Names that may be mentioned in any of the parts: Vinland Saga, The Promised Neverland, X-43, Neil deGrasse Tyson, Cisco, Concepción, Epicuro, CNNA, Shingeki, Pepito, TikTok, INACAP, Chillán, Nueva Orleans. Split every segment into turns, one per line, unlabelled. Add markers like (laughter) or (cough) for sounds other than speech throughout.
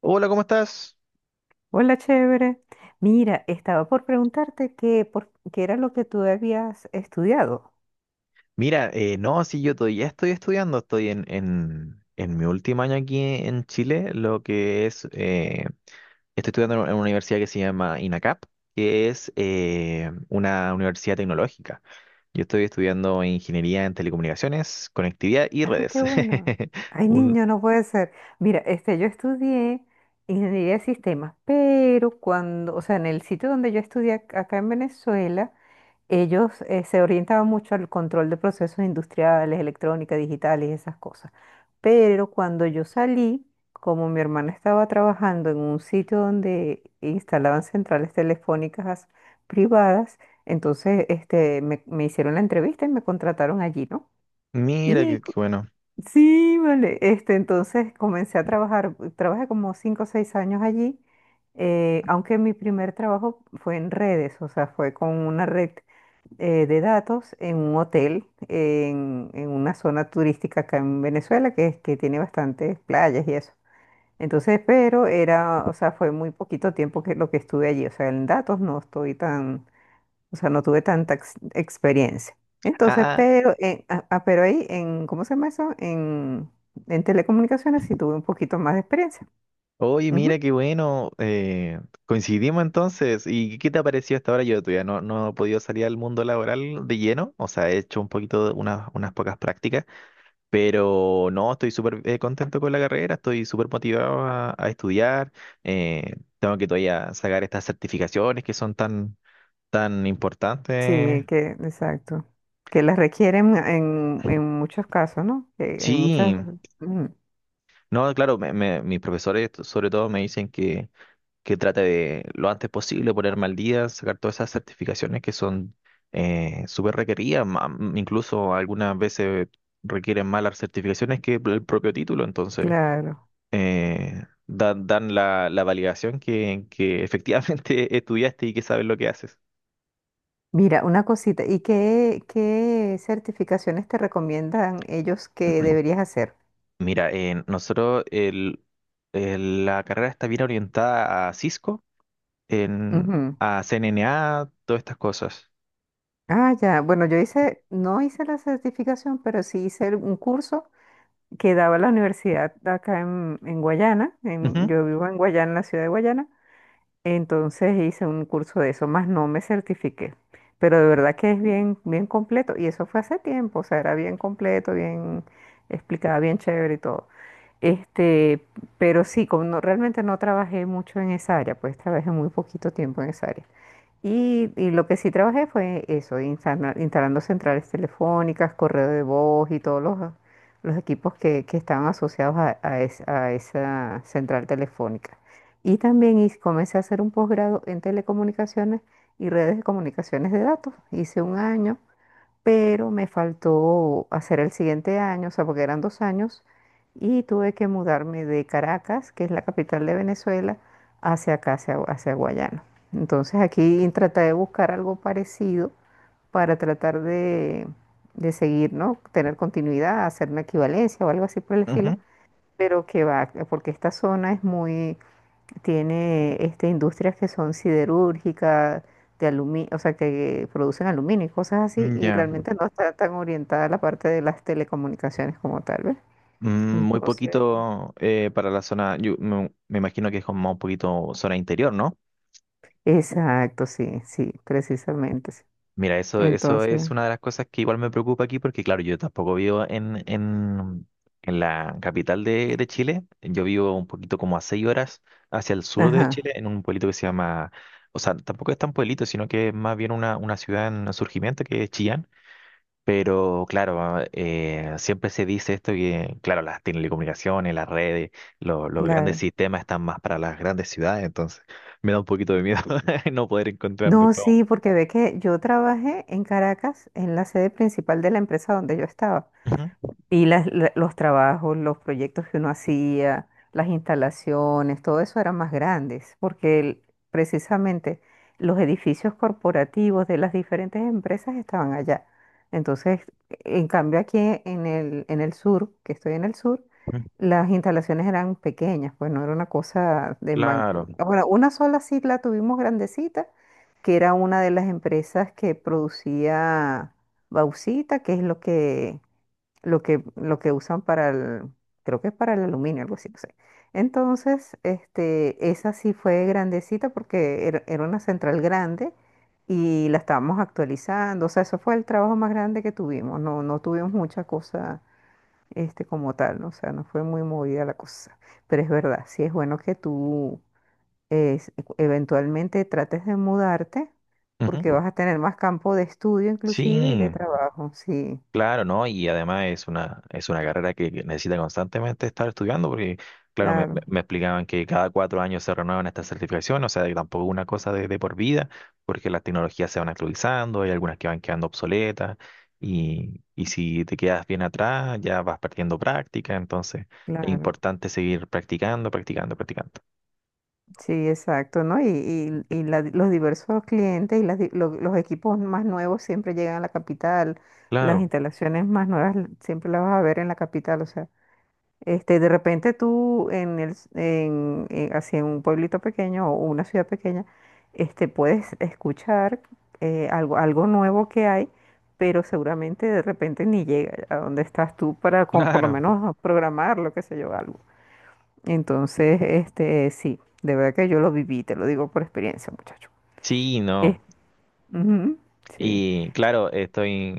Hola, ¿cómo estás?
Hola, chévere. Mira, estaba por preguntarte qué era lo que tú habías estudiado.
Mira, no, sí, yo todavía estoy estudiando, estoy en mi último año aquí en Chile, lo que es, estoy estudiando en una universidad que se llama INACAP, que es una universidad tecnológica. Yo estoy estudiando ingeniería en telecomunicaciones, conectividad y
Ay,
redes.
qué bueno.
(laughs)
Ay,
Un-
niño, no puede ser. Mira, yo estudié ingeniería de sistemas, pero en el sitio donde yo estudié acá en Venezuela, ellos se orientaban mucho al control de procesos industriales, electrónica, digitales, esas cosas. Pero cuando yo salí, como mi hermana estaba trabajando en un sitio donde instalaban centrales telefónicas privadas, me hicieron la entrevista y me contrataron allí, ¿no?
mira,
Y
qué
cu-
bueno.
sí, vale, entonces comencé a trabajar, trabajé como cinco o seis años allí, aunque mi primer trabajo fue en redes, o sea, fue con una red de datos en un hotel en una zona turística acá en Venezuela que tiene bastantes playas y eso. Entonces, pero era, o sea, fue muy poquito tiempo que lo que estuve allí. O sea, en datos no estoy tan, o sea, no tuve tanta experiencia.
Ah,
Entonces,
ah,
pero ahí en, ¿cómo se llama eso? En telecomunicaciones sí tuve un poquito más de experiencia.
Oye,
Ujú.
mira qué bueno, coincidimos entonces. ¿Y qué te ha parecido hasta ahora? Yo todavía no he podido salir al mundo laboral de lleno, o sea, he hecho un poquito, de unas pocas prácticas, pero no, estoy súper contento con la carrera, estoy súper motivado a estudiar, tengo que todavía sacar estas certificaciones que son tan
Sí,
importantes.
exacto. Que las requieren en muchos casos, ¿no? Que en
Sí,
muchas...
no, claro, mis profesores sobre todo me dicen que trate de lo antes posible ponerme al día, sacar todas esas certificaciones que son súper requeridas, incluso algunas veces requieren más las certificaciones que el propio título, entonces
Claro.
dan, dan la validación que efectivamente (laughs) estudiaste y que sabes lo que haces.
Mira, una cosita, ¿ qué certificaciones te recomiendan ellos que
(clears throat)
deberías hacer?
Mira, nosotros la carrera está bien orientada a Cisco, en,
Ujú.
a CNNA, todas estas cosas.
Ah, ya. Bueno, yo hice, no hice la certificación, pero sí hice un curso que daba la universidad acá en Guayana.
Ujú,
Yo vivo en Guayana, en la ciudad de Guayana. Entonces hice un curso de eso, más no me certifiqué, pero de verdad que es bien, bien completo y eso fue hace tiempo, o sea, era bien completo, bien explicada, bien chévere y todo. Este, pero sí, como realmente no trabajé mucho en esa área, pues trabajé muy poquito tiempo en esa área. Y lo que sí trabajé fue eso, instalando centrales telefónicas, correo de voz y todos los equipos que estaban asociados a esa central telefónica. Y también comencé a hacer un posgrado en telecomunicaciones y redes de comunicaciones de datos. Hice un año pero me faltó hacer el siguiente año, o sea, porque eran dos años, y tuve que mudarme de Caracas, que es la capital de Venezuela, hacia acá, hacia Guayana. Entonces aquí traté de buscar algo parecido para tratar de seguir, ¿no? Tener continuidad, hacer una equivalencia o algo así por el estilo,
ujú.
pero que va, porque esta zona es muy tiene industrias que son siderúrgicas, de aluminio, o sea, que producen aluminio y cosas así, y
Ya.
realmente no está tan orientada a la parte de las telecomunicaciones como tal, ¿ves?
Mm, muy
Entonces,
poquito para la zona, yo me imagino que es como un poquito zona interior, ¿no?
exacto, sí, sí, precisamente, sí.
Mira, eso
Entonces,
es una de las cosas que igual me preocupa aquí porque, claro, yo tampoco vivo en la capital
eh,
de Chile, yo vivo un poquito como a seis horas hacia el sur de
ajá,
Chile, en un pueblito que se llama, o sea, tampoco es tan pueblito, sino que es más bien una ciudad en surgimiento que es Chillán. Pero claro, siempre se dice esto que, claro, las telecomunicaciones, las redes, los grandes
claro.
sistemas están más para las grandes ciudades, entonces me da un poquito de miedo (laughs) no poder encontrar
No,
después.
sí, porque ve que yo trabajé en Caracas, en la sede principal de la empresa donde yo estaba.
Ujú,
Y los trabajos, los proyectos que uno hacía, las instalaciones, todo eso eran más grandes, porque precisamente los edificios corporativos de las diferentes empresas estaban allá. Entonces, en cambio aquí en el sur, que estoy en el sur,
ujú,
las instalaciones eran pequeñas, pues no era una cosa de...
claro,
Bueno, una sola sí la tuvimos grandecita, que era una de las empresas que producía bauxita, que es lo que lo que usan para el, creo que es para el aluminio, algo así, no sé. Entonces, esa sí fue grandecita porque era, era una central grande y la estábamos actualizando. O sea, eso fue el trabajo más grande que tuvimos. No, no tuvimos mucha cosa, como tal, ¿no? O sea, no fue muy movida la cosa. Pero es verdad, sí es bueno que tú es- eventualmente trates de mudarte porque
ujú,
vas a tener más campo de estudio inclusive y de
sí.
trabajo. Sí,
Claro, ¿no? Y además es una carrera que necesita constantemente estar estudiando, porque, claro,
claro,
me explicaban que cada cuatro años se renuevan estas certificaciones, o sea, que tampoco es una cosa de por vida, porque las tecnologías se van actualizando, hay algunas que van quedando obsoletas, y si te quedas bien atrás, ya vas perdiendo práctica, entonces es
claro.
importante seguir practicando, practicando, practicando.
Sí, exacto, ¿no? Y la- los diversos clientes y lo- los equipos más nuevos siempre llegan a la capital, las
Claro,
instalaciones más nuevas siempre las vas a ver en la capital, o sea, de repente tú en el, s- en- así en un pueblito pequeño o una ciudad pequeña, puedes escuchar algo, algo nuevo que hay, pero seguramente de repente ni llega a donde estás tú para con, por lo
claro,
menos programar, lo que sé yo, algo. Entonces, sí, de verdad que yo lo viví, te lo digo por experiencia, muchacho.
sí,
Eh,
no.
Ujú, sí,
Y claro, estoy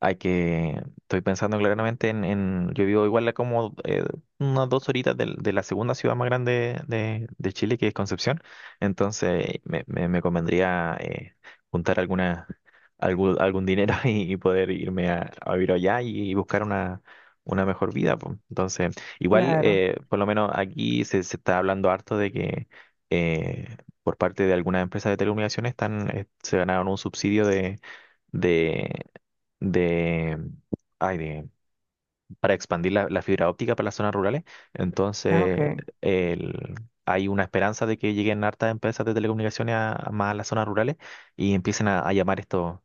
hay que, estoy pensando claramente en, yo vivo igual a como unas dos horitas de la segunda ciudad más grande de Chile, que es Concepción. Entonces me convendría juntar alguna, algún dinero (laughs) y poder irme a vivir allá y buscar una mejor vida. Po. Entonces, igual,
claro.
por lo menos aquí se está hablando harto de que eh, por parte de algunas empresas de telecomunicaciones están, se ganaron un subsidio de de, ay, de- para expandir la fibra óptica para las zonas rurales.
Ah,
Entonces,
ok.
el- hay una esperanza de que lleguen hartas empresas de telecomunicaciones, a más a las zonas rurales y empiecen a llamar estos,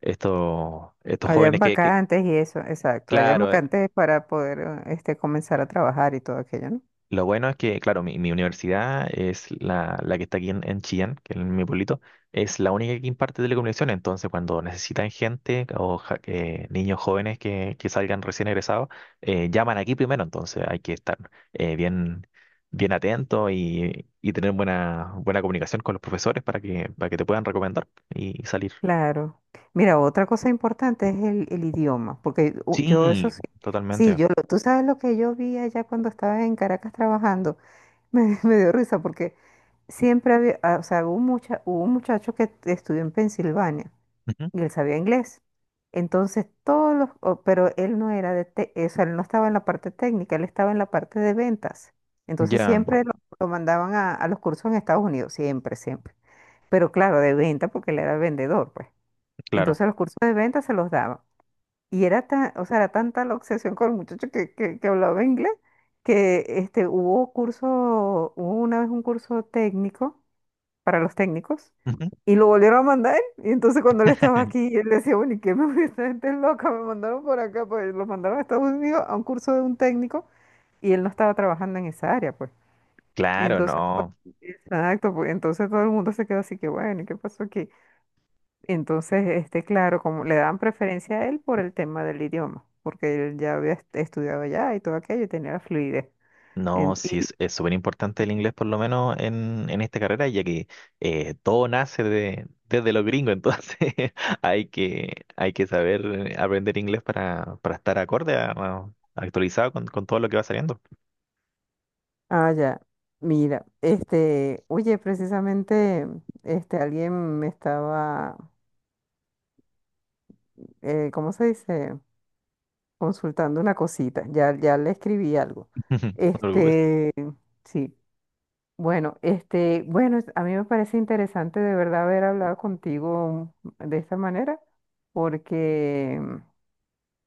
estos, estos
Allá en
jóvenes
vacantes y eso, exacto. Allá en
claro.
vacantes para poder comenzar a trabajar y todo aquello, ¿no?
Lo bueno es que, claro, mi universidad es la que está aquí en Chillán, que es mi pueblito, es la única que imparte telecomunicaciones. Entonces, cuando necesitan gente niños jóvenes que salgan recién egresados, llaman aquí primero. Entonces, hay que estar bien atento y tener buena, buena comunicación con los profesores para para que te puedan recomendar y salir.
Claro. Mira, otra cosa importante es el idioma, porque yo eso
Sí,
sí, sí,
totalmente.
yo, tú sabes lo que yo vi allá cuando estaba en Caracas trabajando. (laughs) Me dio risa porque siempre había, ah, o sea, hubo, mucha, hubo un muchacho que estudió en Pensilvania
Ujú.
y él sabía inglés. Entonces todos pero él no era o sea, él no estaba en la parte técnica, él estaba en la parte de ventas. Entonces
Ya,
siempre lo mandaban a los cursos en Estados Unidos, siempre, siempre. Pero claro, de venta porque él era vendedor, pues.
claro.
Entonces los cursos de venta se los daban. Y era tan, o sea, era tanta la obsesión con el muchacho que hablaba inglés que hubo curso, hubo una vez un curso técnico para los técnicos
Ujú.
y lo volvieron a mandar. Y entonces cuando él estaba aquí,
(laughs)
él decía, bueno, ¿y qué me (laughs) esta gente es loca? Me mandaron por acá, pues lo mandaron a Estados Unidos a un curso de un técnico y él no estaba trabajando en esa área, pues.
Claro,
Entonces,
no.
exacto, pues entonces todo el mundo se quedó así que, bueno, ¿y qué pasó aquí? Entonces, claro, como le daban preferencia a él por el tema del idioma, porque él ya había estudiado allá y todo aquello y tenía la fluidez.
No, sí, es súper importante el inglés, por lo menos en esta carrera, ya que todo nace de, desde los gringos, entonces (laughs) hay que saber aprender inglés para estar acorde, actualizado con todo lo que va saliendo.
Ah, ya. Mira, oye, precisamente, alguien me estaba, ¿cómo se dice? Consultando una cosita. Ya, ya le escribí algo.
(laughs) No te preocupes.
Este, sí. Bueno, a mí me parece interesante de verdad haber hablado contigo de esta manera, porque,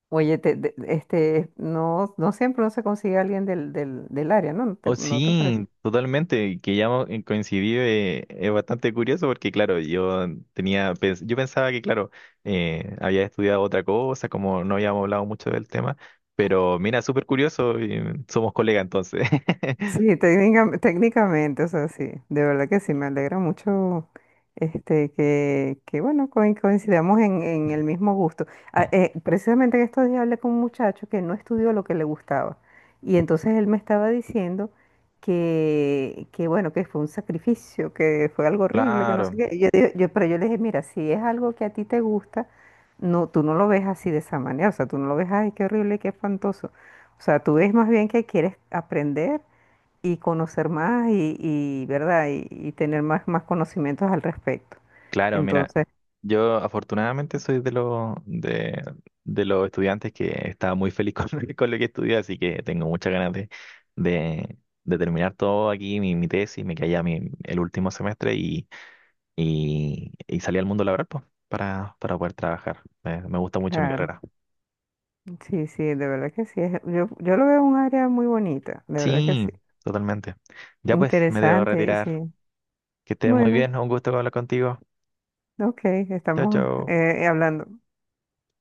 oye, no, no siempre uno se consigue a alguien del área, ¿no? ¿
Oh,
no te parece?
sí, totalmente, y que ya coincidí, es bastante curioso porque, claro, yo yo pensaba que, claro, había estudiado otra cosa, como no habíamos hablado mucho del tema, pero mira, súper curioso, y somos colegas entonces.
Sí, técnicamente, o sea, sí, de verdad que sí, me alegra mucho que bueno, coincidamos en el mismo gusto.
(laughs)
Precisamente en estos días hablé con un muchacho que no estudió lo que le gustaba y entonces él me estaba diciendo que bueno, que fue un sacrificio, que fue algo horrible, que no sé
Claro.
qué. Y Yo yo le dije, mira, si es algo que a ti te gusta, no, tú no lo ves así de esa manera, o sea, tú no lo ves, ay, qué horrible, qué espantoso. O sea, tú ves más bien que quieres aprender y conocer más y, ¿verdad? Y tener más, más conocimientos al respecto.
Claro, mira,
Entonces,
yo afortunadamente soy de los estudiantes que estaba muy feliz con, (laughs) con lo que estudié, así que tengo muchas ganas de, de terminar todo aquí, mi tesis, me quedé ya el último semestre y salí al mundo laboral pues, para poder trabajar. Me gusta mucho mi
claro,
carrera.
sí, sí, de verdad que sí. Yo, yo lo veo un área muy bonita, de verdad que
Sí,
sí.
totalmente. Ya pues, me debo
Interesante, y
retirar.
sí.
Que estés muy
Bueno,
bien, un gusto hablar contigo.
ok,
Chao,
estamos
chao.
hablando.